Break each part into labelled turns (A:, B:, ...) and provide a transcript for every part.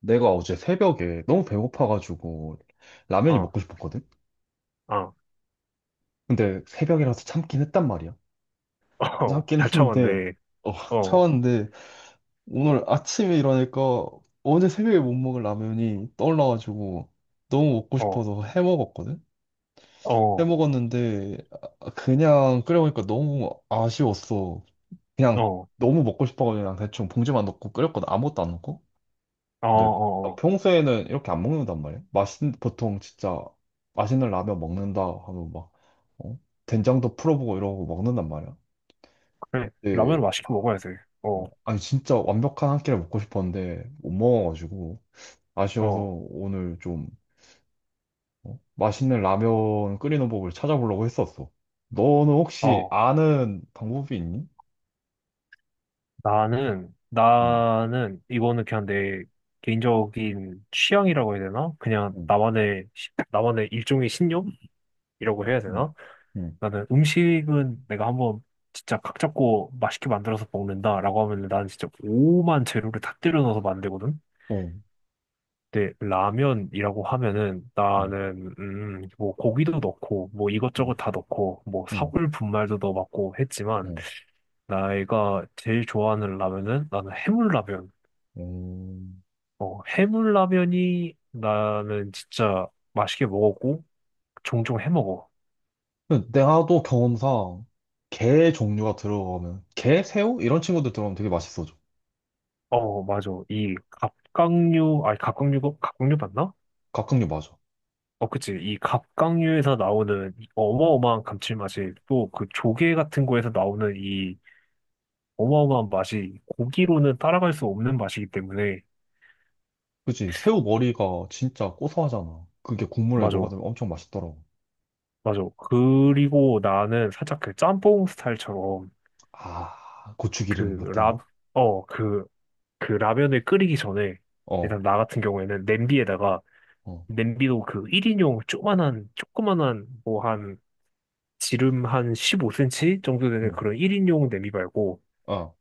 A: 내가 어제 새벽에 너무 배고파가지고 라면이
B: 어,
A: 먹고 싶었거든?
B: 어, 어,
A: 근데 새벽이라서 참긴 했단 말이야. 참긴
B: 잘
A: 했는데,
B: 참았네.
A: 어,
B: 어, 어,
A: 참았는데, 오늘 아침에 일어나니까 어제 새벽에 못 먹을 라면이 떠올라가지고 너무 먹고
B: 어,
A: 싶어서 해 먹었거든? 해
B: 어,
A: 먹었는데, 아, 그냥 끓여 먹으니까 너무 아쉬웠어. 그냥
B: 어,
A: 너무 먹고 싶어가지고 그냥 대충 봉지만 넣고 끓였거든. 아무것도 안 넣고.
B: 어,
A: 근데
B: 어.
A: 나
B: 어.
A: 평소에는 이렇게 안 먹는단 말이야. 맛있는 보통 진짜 맛있는 라면 먹는다 하면 막 어? 된장도 풀어보고 이러고 먹는단 말이야.
B: 그래,
A: 네.
B: 라면을 맛있게 먹어야 돼. 어,
A: 어, 아니 진짜 완벽한 한 끼를 먹고 싶었는데 못 먹어가지고 아쉬워서
B: 어,
A: 오늘 좀 어? 맛있는 라면 끓이는 법을 찾아보려고 했었어. 너는 혹시
B: 어.
A: 아는 방법이 있니?
B: 나는,
A: 응,
B: 나는, 이거는 그냥 내 개인적인 취향이라고 해야 되나? 그냥
A: 응,
B: 나만의, 나만의 일종의 신념이라고 해야
A: 응,
B: 되나?
A: 응,
B: 나는 음식은 내가 한번 진짜 각 잡고 맛있게 만들어서 먹는다라고 하면 나는 진짜 오만 재료를 다 때려 넣어서 만들거든?
A: 응,
B: 근데 라면이라고 하면은
A: 응,
B: 나는 뭐 고기도 넣고 뭐
A: 응,
B: 이것저것 다 넣고 뭐
A: 응,
B: 사골 분말도 넣어봤고 했지만
A: 응.
B: 내가 제일 좋아하는 라면은 나는 해물라면.
A: 응.
B: 어, 해물라면이 나는 진짜 맛있게 먹었고 종종 해 먹어.
A: 내가 또 경험상 게 종류가 들어가면 게, 새우 이런 친구들 들어가면 되게 맛있어져.
B: 어, 맞아. 이 갑각류, 아니 갑각류가 갑각류 맞나?
A: 각각류 맞아.
B: 어, 그치. 이 갑각류에서 나오는 이 어마어마한 감칠맛이 또 그 조개 같은 거에서 나오는 이 어마어마한 맛이 고기로는 따라갈 수 없는 맛이기 때문에.
A: 그치? 새우 머리가 진짜 고소하잖아. 그게 국물에
B: 맞아,
A: 녹아들면 엄청 맛있더라고.
B: 맞아. 그리고 나는 살짝 그 짬뽕 스타일처럼,
A: 아, 고추기름 같은 거?
B: 그라어그 그 그 라면을 끓이기 전에
A: 어,
B: 일단 나 같은 경우에는 냄비에다가,
A: 어,
B: 냄비도 그 1인용 조그만한 뭐 한 지름 한 15cm 정도 되는
A: 응,
B: 그런 1인용 냄비 말고
A: 어,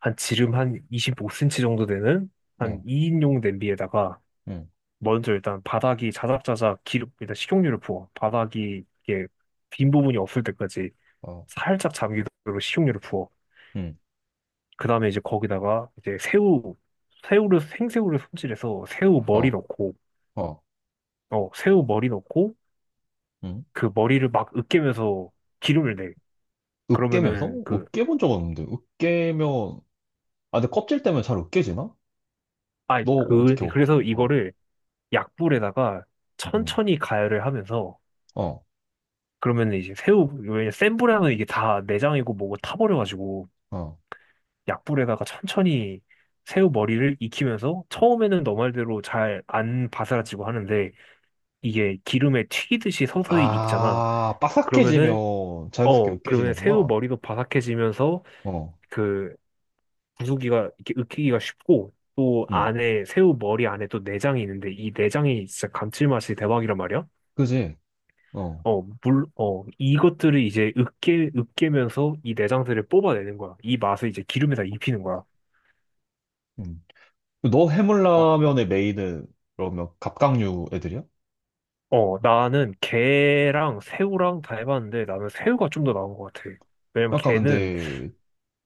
B: 한 지름 한 25cm 정도 되는 한
A: 응,
B: 2인용 냄비에다가
A: 응,
B: 먼저 일단 바닥이 자작자작 기름, 일단 식용유를 부어. 바닥이 이게 빈 부분이 없을 때까지
A: 어,
B: 살짝 잠기도록 식용유를 부어.
A: 응,
B: 그 다음에 이제 거기다가 이제 새우를, 생새우를 손질해서 새우 머리
A: 어,
B: 넣고,
A: 어,
B: 어, 새우 머리 넣고,
A: 응.
B: 그 머리를 막 으깨면서 기름을 내.
A: 으깨면서?
B: 그러면은
A: 으깨 본 적 없는데. 으깨면, 아, 근데 껍질 때문에 잘 으깨지나? 너 어떻게 으깨?
B: 그래서
A: 어,
B: 이거를 약불에다가
A: 응,
B: 천천히 가열을 하면서,
A: 어,
B: 그러면 이제 새우, 왜냐, 센 불에 하면 이게 다 내장이고 뭐고 타버려가지고,
A: 어.
B: 약불에다가 천천히 새우 머리를 익히면서 처음에는 너 말대로 잘 안 바스라지고 하는데 이게 기름에 튀기듯이 서서히 익잖아.
A: 아,
B: 그러면은,
A: 바삭해지면 자연스럽게
B: 어, 그러면 새우
A: 으깨지는구나.
B: 머리도 바삭해지면서
A: 어,
B: 그 부수기가, 이렇게 익히기가 쉽고 또
A: 응,
B: 안에 새우 머리 안에 또 내장이 있는데 이 내장이 진짜 감칠맛이 대박이란 말이야.
A: 그지? 어,
B: 어, 물, 어, 이것들을 이제 으깨면서 이 내장들을 뽑아내는 거야. 이 맛을 이제 기름에다 입히는 거야.
A: 응. 너
B: 어,
A: 해물라면의 메인은 그러면 갑각류 애들이야?
B: 어, 나는 게랑 새우랑 다 해봤는데 나는 새우가 좀 더 나은 것 같아. 왜냐면
A: 약간
B: 게는,
A: 근데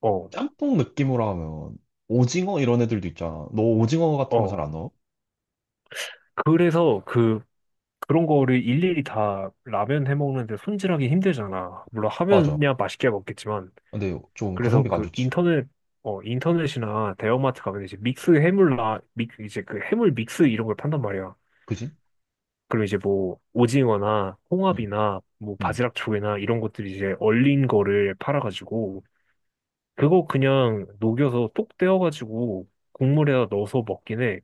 B: 어,
A: 짬뽕 느낌으로 하면 오징어 이런 애들도 있잖아. 너 오징어 같은 거 잘
B: 어.
A: 안 넣어?
B: 그래서 그런 거를 일일이 다 라면 해 먹는데 손질하기 힘들잖아. 물론
A: 맞아.
B: 하면야 맛있게 먹겠지만.
A: 근데 좀
B: 그래서
A: 가성비가 안 좋지.
B: 인터넷이나 대형마트 가면 이제 믹스 해물 라, 믹, 이제 그 해물 믹스 이런 걸 판단 말이야.
A: 그지?
B: 그럼 이제 뭐 오징어나
A: 응,
B: 홍합이나 뭐
A: 응.
B: 바지락 조개나 이런 것들이 이제 얼린 거를 팔아가지고 그거 그냥 녹여서 똑 떼어가지고 국물에다 넣어서 먹긴 해.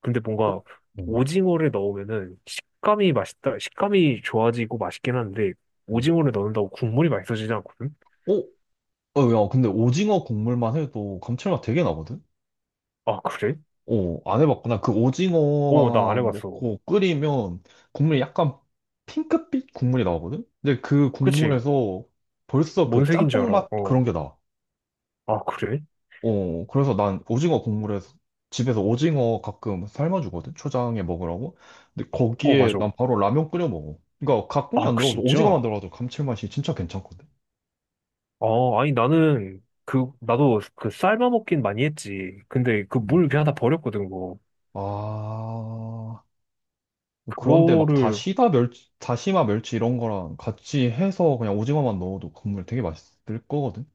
B: 근데
A: 어?
B: 뭔가
A: 응,
B: 오징어를 넣으면은 식감이 좋아지고 맛있긴 한데
A: 응.
B: 오징어를 넣는다고 국물이 맛있어지지 않거든?
A: 어? 어, 야, 근데 오징어 국물만 해도 감칠맛 되게 나거든?
B: 아, 그래?
A: 오, 안 해봤구나. 그
B: 어, 나 안
A: 오징어만
B: 해봤어.
A: 넣고 끓이면 국물이 약간 핑크빛 국물이 나오거든? 근데 그
B: 그치?
A: 국물에서 벌써
B: 뭔
A: 그
B: 색인 줄
A: 짬뽕
B: 알아.
A: 맛
B: 어.
A: 그런 게 나.
B: 아, 그래?
A: 어, 그래서 난 오징어 국물에서 집에서 오징어 가끔 삶아주거든? 초장에 먹으라고. 근데
B: 어,
A: 거기에
B: 맞아.
A: 난 바로 라면 끓여 먹어. 그러니까 가 국이
B: 아,
A: 안
B: 그
A: 들어가도 오징어만
B: 진짜?
A: 들어가도 감칠맛이 진짜 괜찮거든.
B: 아, 아니 나는 나도 그 삶아 먹긴 많이 했지. 근데 그
A: 음.
B: 물 그냥 다 버렸거든, 그거.
A: 아, 그런데 막
B: 그거를,
A: 다시다 멸치, 다시마 멸치 이런 거랑 같이 해서 그냥 오징어만 넣어도 국물 되게 맛있을 거거든?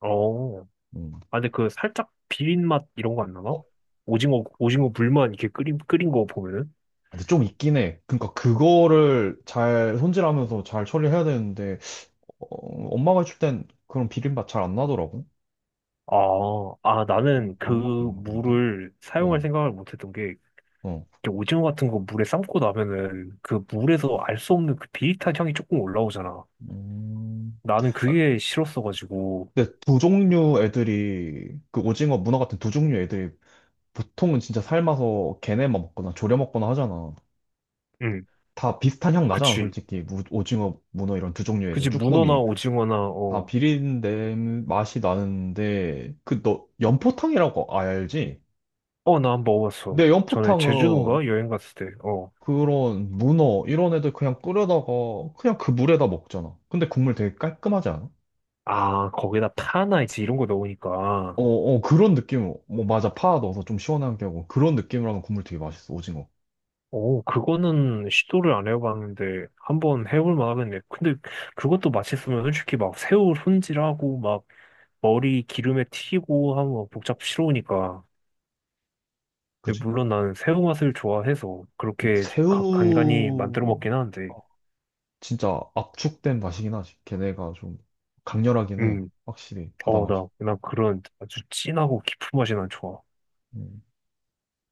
B: 어. 아,
A: 음.
B: 근데 그 살짝 비린 맛 이런 거 안
A: 어,
B: 나나? 오징어, 오징어 물만 이렇게 끓인 거 보면은?
A: 근데 좀 있긴 해. 그러니까 그거를 잘 손질하면서 잘 처리해야 되는데, 어, 엄마가 해줄 땐 그런 비린맛 잘 안 나더라고.
B: 아, 아,
A: 뭔
B: 나는 그
A: 방법 있나? 본데?
B: 물을 사용할
A: 어,
B: 생각을 못 했던 게,
A: 어.
B: 이렇게 오징어 같은 거 물에 삶고 나면은 그 물에서 알 수 없는 그 비릿한 향이 조금 올라오잖아.
A: 음.
B: 나는
A: 아,
B: 그게 싫었어가지고,
A: 근데 두 종류 애들이, 그 오징어 문어 같은 두 종류 애들이 보통은 진짜 삶아서 걔네만 먹거나 졸여 먹거나 하잖아.
B: 응,
A: 다 비슷한 향 나잖아,
B: 그치.
A: 솔직히. 오징어, 문어 이런 두 종류의 애들,
B: 그치, 문어나
A: 쭈꾸미.
B: 오징어나,
A: 다
B: 어,
A: 비린내 맛이 나는데, 그, 너, 연포탕이라고 알지?
B: 어, 나 한 번 먹어봤어.
A: 내
B: 전에
A: 연포탕은
B: 제주도인가 여행 갔을 때, 어.
A: 그런 문어, 이런 애들 그냥 끓여다가, 그냥 그 물에다 먹잖아. 근데 국물 되게 깔끔하지 않아?
B: 아, 거기다 파나 이제 이런 거
A: 어,
B: 넣으니까.
A: 어, 그런 느낌, 뭐, 맞아. 파 넣어서 좀 시원하게 하고, 그런 느낌으로 하면 국물 되게 맛있어, 오징어.
B: 오, 그거는 시도를 안 해봤는데 한번 해볼 만하겠네. 근데 그것도 맛있으면 솔직히 막 새우 손질하고 막 머리 기름에 튀고 하면 막 복잡스러우니까. 근데
A: 그지?
B: 물론 나는 새우 맛을 좋아해서 그렇게 간간히 만들어
A: 새우,
B: 먹긴 하는데.
A: 진짜 압축된 맛이긴 하지. 걔네가 좀 강렬하긴 해.
B: 음,
A: 확실히 바다
B: 어,
A: 맛이.
B: 나, 난 그런 아주 진하고 깊은 맛이 난 좋아.
A: 음.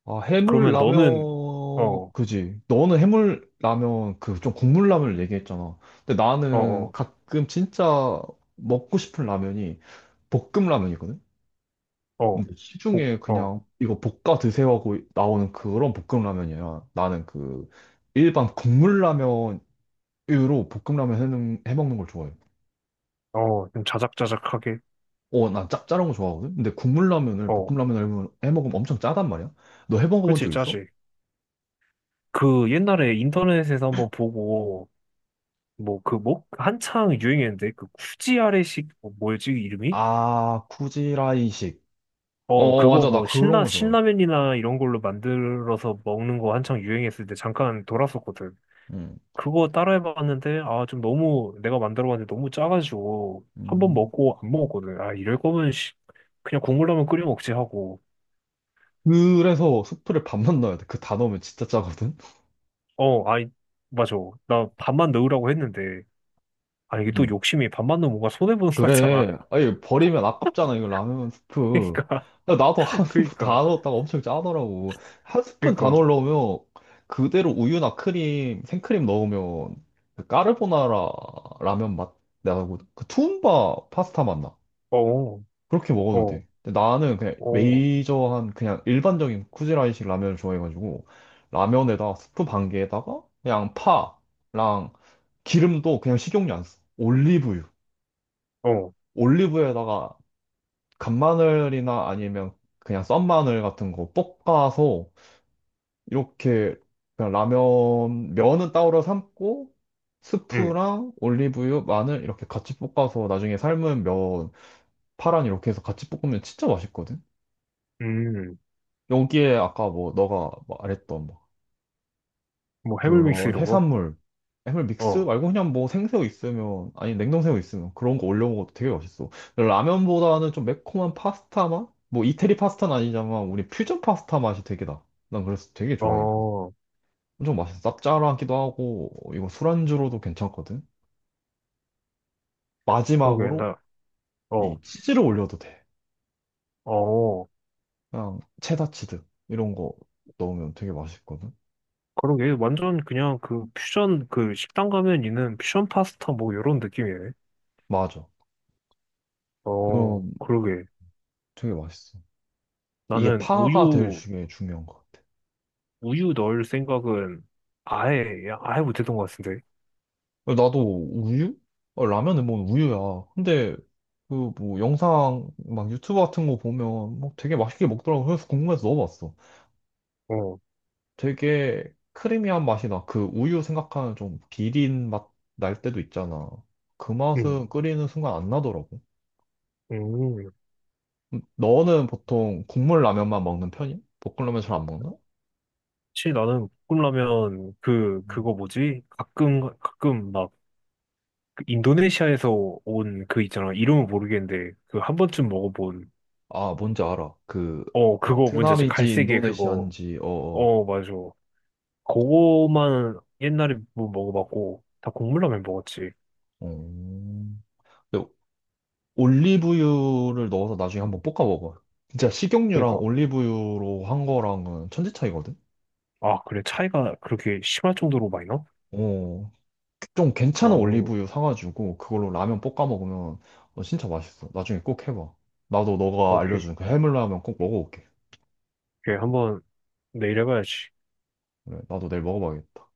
A: 아, 해물
B: 그러면
A: 라면
B: 너는, 어, 어,
A: 그지. 너는 해물 라면 그 좀 국물 라면을 얘기했잖아. 근데 나는
B: 어,
A: 가끔 진짜 먹고 싶은 라면이 볶음 라면이거든.
B: 어,
A: 근데
B: 복,
A: 시중에
B: 어,
A: 그냥 이거 볶아 드세요 하고 나오는 그런 볶음 라면이야. 나는 그 일반 국물 라면으로 볶음 라면 해먹는 걸 좋아해.
B: 어, 좀 자작자작하게.
A: 어, 난 짭짤한 거 좋아하거든? 근데 국물 라면을,
B: 어,
A: 볶음 라면을 해 먹으면 엄청 짜단 말이야? 너 해 먹어본
B: 그렇지,
A: 적 있어?
B: 짜지. 그 옛날에 인터넷에서 한번 보고 뭐 그 뭐 한창 유행했는데 그 쿠지 아래식 뭐 뭐였지 이름이?
A: 아, 쿠지라이식.
B: 어,
A: 어,
B: 그거
A: 맞아. 나
B: 뭐
A: 그런
B: 신라
A: 거 좋아해.
B: 신라면이나 이런 걸로 만들어서 먹는 거 한창 유행했을 때 잠깐 돌았었거든.
A: 응.
B: 그거 따라해봤는데, 아, 좀 너무, 내가 만들어봤는데 너무 짜가지고 한 번
A: 음,
B: 먹고 안 먹었거든. 아, 이럴 거면 씨, 그냥 국물라면 끓여 먹지 하고.
A: 그래서 수프를 반만 넣어야 돼. 그 다 넣으면 진짜 짜거든?
B: 어, 아니, 맞아. 나 밥만 넣으라고 했는데, 아, 이게 또 욕심이 밥만 넣으면 뭔가 손해 보는 거 같잖아.
A: 그래. 아니, 버리면 아깝잖아, 이거 라면 스프.
B: 그러니까.
A: 나도 한 스푼 다
B: 그러니까.
A: 넣었다가 엄청 짜더라고. 한 스푼 다
B: 그러니까.
A: 넣으려면 그대로 우유나 크림, 생크림 넣으면 그 까르보나라 라면 맛 나고, 그 투움바 파스타 맛 나.
B: 어,
A: 그렇게 먹어도
B: 어.
A: 돼. 근데 나는 그냥
B: 어,
A: 메이저한, 그냥 일반적인 쿠지라이식 라면을 좋아해가지고, 라면에다 스프 반 개에다가 그냥 파랑 기름도 그냥 식용유 안 써. 올리브유.
B: 어,
A: 올리브유에다가 간마늘이나 아니면 그냥 썬마늘 같은 거 볶아서 이렇게 그냥 라면 면은 따로 삶고
B: 응,
A: 스프랑 올리브유, 마늘 이렇게 같이 볶아서 나중에 삶은 면 파란 이렇게 해서 같이 볶으면 진짜 맛있거든.
B: 음,
A: 여기에 아까 뭐 너가 말했던 뭐
B: 뭐 해물믹스
A: 그런
B: 이런 거?
A: 해산물, 해물 믹스
B: 어,
A: 말고 그냥 뭐 생새우 있으면, 아니 냉동새우 있으면 그런 거 올려 먹어도 되게 맛있어. 근데 라면보다는 좀 매콤한 파스타 맛? 뭐 이태리 파스타는 아니지만 우리 퓨전 파스타 맛이 되게 나. 난 그래서 되게 좋아해, 이거.
B: 어,
A: 엄청 맛있어. 짭짤하기도 하고, 이거 술안주로도 괜찮거든.
B: 그러게,
A: 마지막으로
B: 나, 어,
A: 이 치즈를 올려도 돼.
B: 어,
A: 그냥 체다 치즈 이런 거 넣으면 되게 맛있거든.
B: 그러게, 완전 그냥 그 퓨전, 그 식당 가면 있는 퓨전 파스타 뭐 이런 느낌이네.
A: 맞아.
B: 어,
A: 그럼
B: 그러게.
A: 되게 맛있어. 이게
B: 나는
A: 파가 제일
B: 우유,
A: 중에 중요한 것 같아.
B: 우유 넣을 생각은 아예 못했던 것 같은데.
A: 나도 우유? 어, 라면은 뭐 우유야. 근데 그 뭐 영상 막 유튜브 같은 거 보면 뭐 되게 맛있게 먹더라고. 그래서 궁금해서 넣어봤어.
B: 어,
A: 되게 크리미한 맛이 나. 그 우유 생각하는 좀 비린 맛 날 때도 있잖아. 그
B: 음,
A: 맛은 끓이는 순간 안 나더라고.
B: 음.
A: 너는 보통 국물 라면만 먹는 편이야? 볶음라면 잘 안 먹나?
B: 사실 나는 볶음라면 그,
A: 음.
B: 그거 뭐지? 가끔 막 그 인도네시아에서 온 그 있잖아. 이름은 모르겠는데, 그 한 번쯤 먹어본,
A: 아, 뭔지 알아. 그
B: 어, 그거 뭔지 알지?
A: 베트남이지
B: 갈색의 그거.
A: 인도네시아인지 어어.
B: 어, 맞아. 그거만 옛날에 뭐 먹어봤고, 다 국물라면 먹었지.
A: 어. 어. 어. 올리브유를 넣어서 나중에 한번 볶아 먹어. 진짜 식용유랑
B: 그러니까.
A: 올리브유로 한 거랑은 천지 차이거든?
B: 아, 그래. 차이가 그렇게 심할 정도로 많이 나?
A: 어, 좀 괜찮은
B: 어,
A: 올리브유 사가지고 그걸로 라면 볶아 먹으면 어, 진짜 맛있어. 나중에 꼭 해봐. 나도 너가
B: 오케이.
A: 알려준 그 해물라면 꼭 먹어볼게.
B: 오케이. 한번 내일 해봐야지.
A: 그래, 나도 내일 먹어봐야겠다.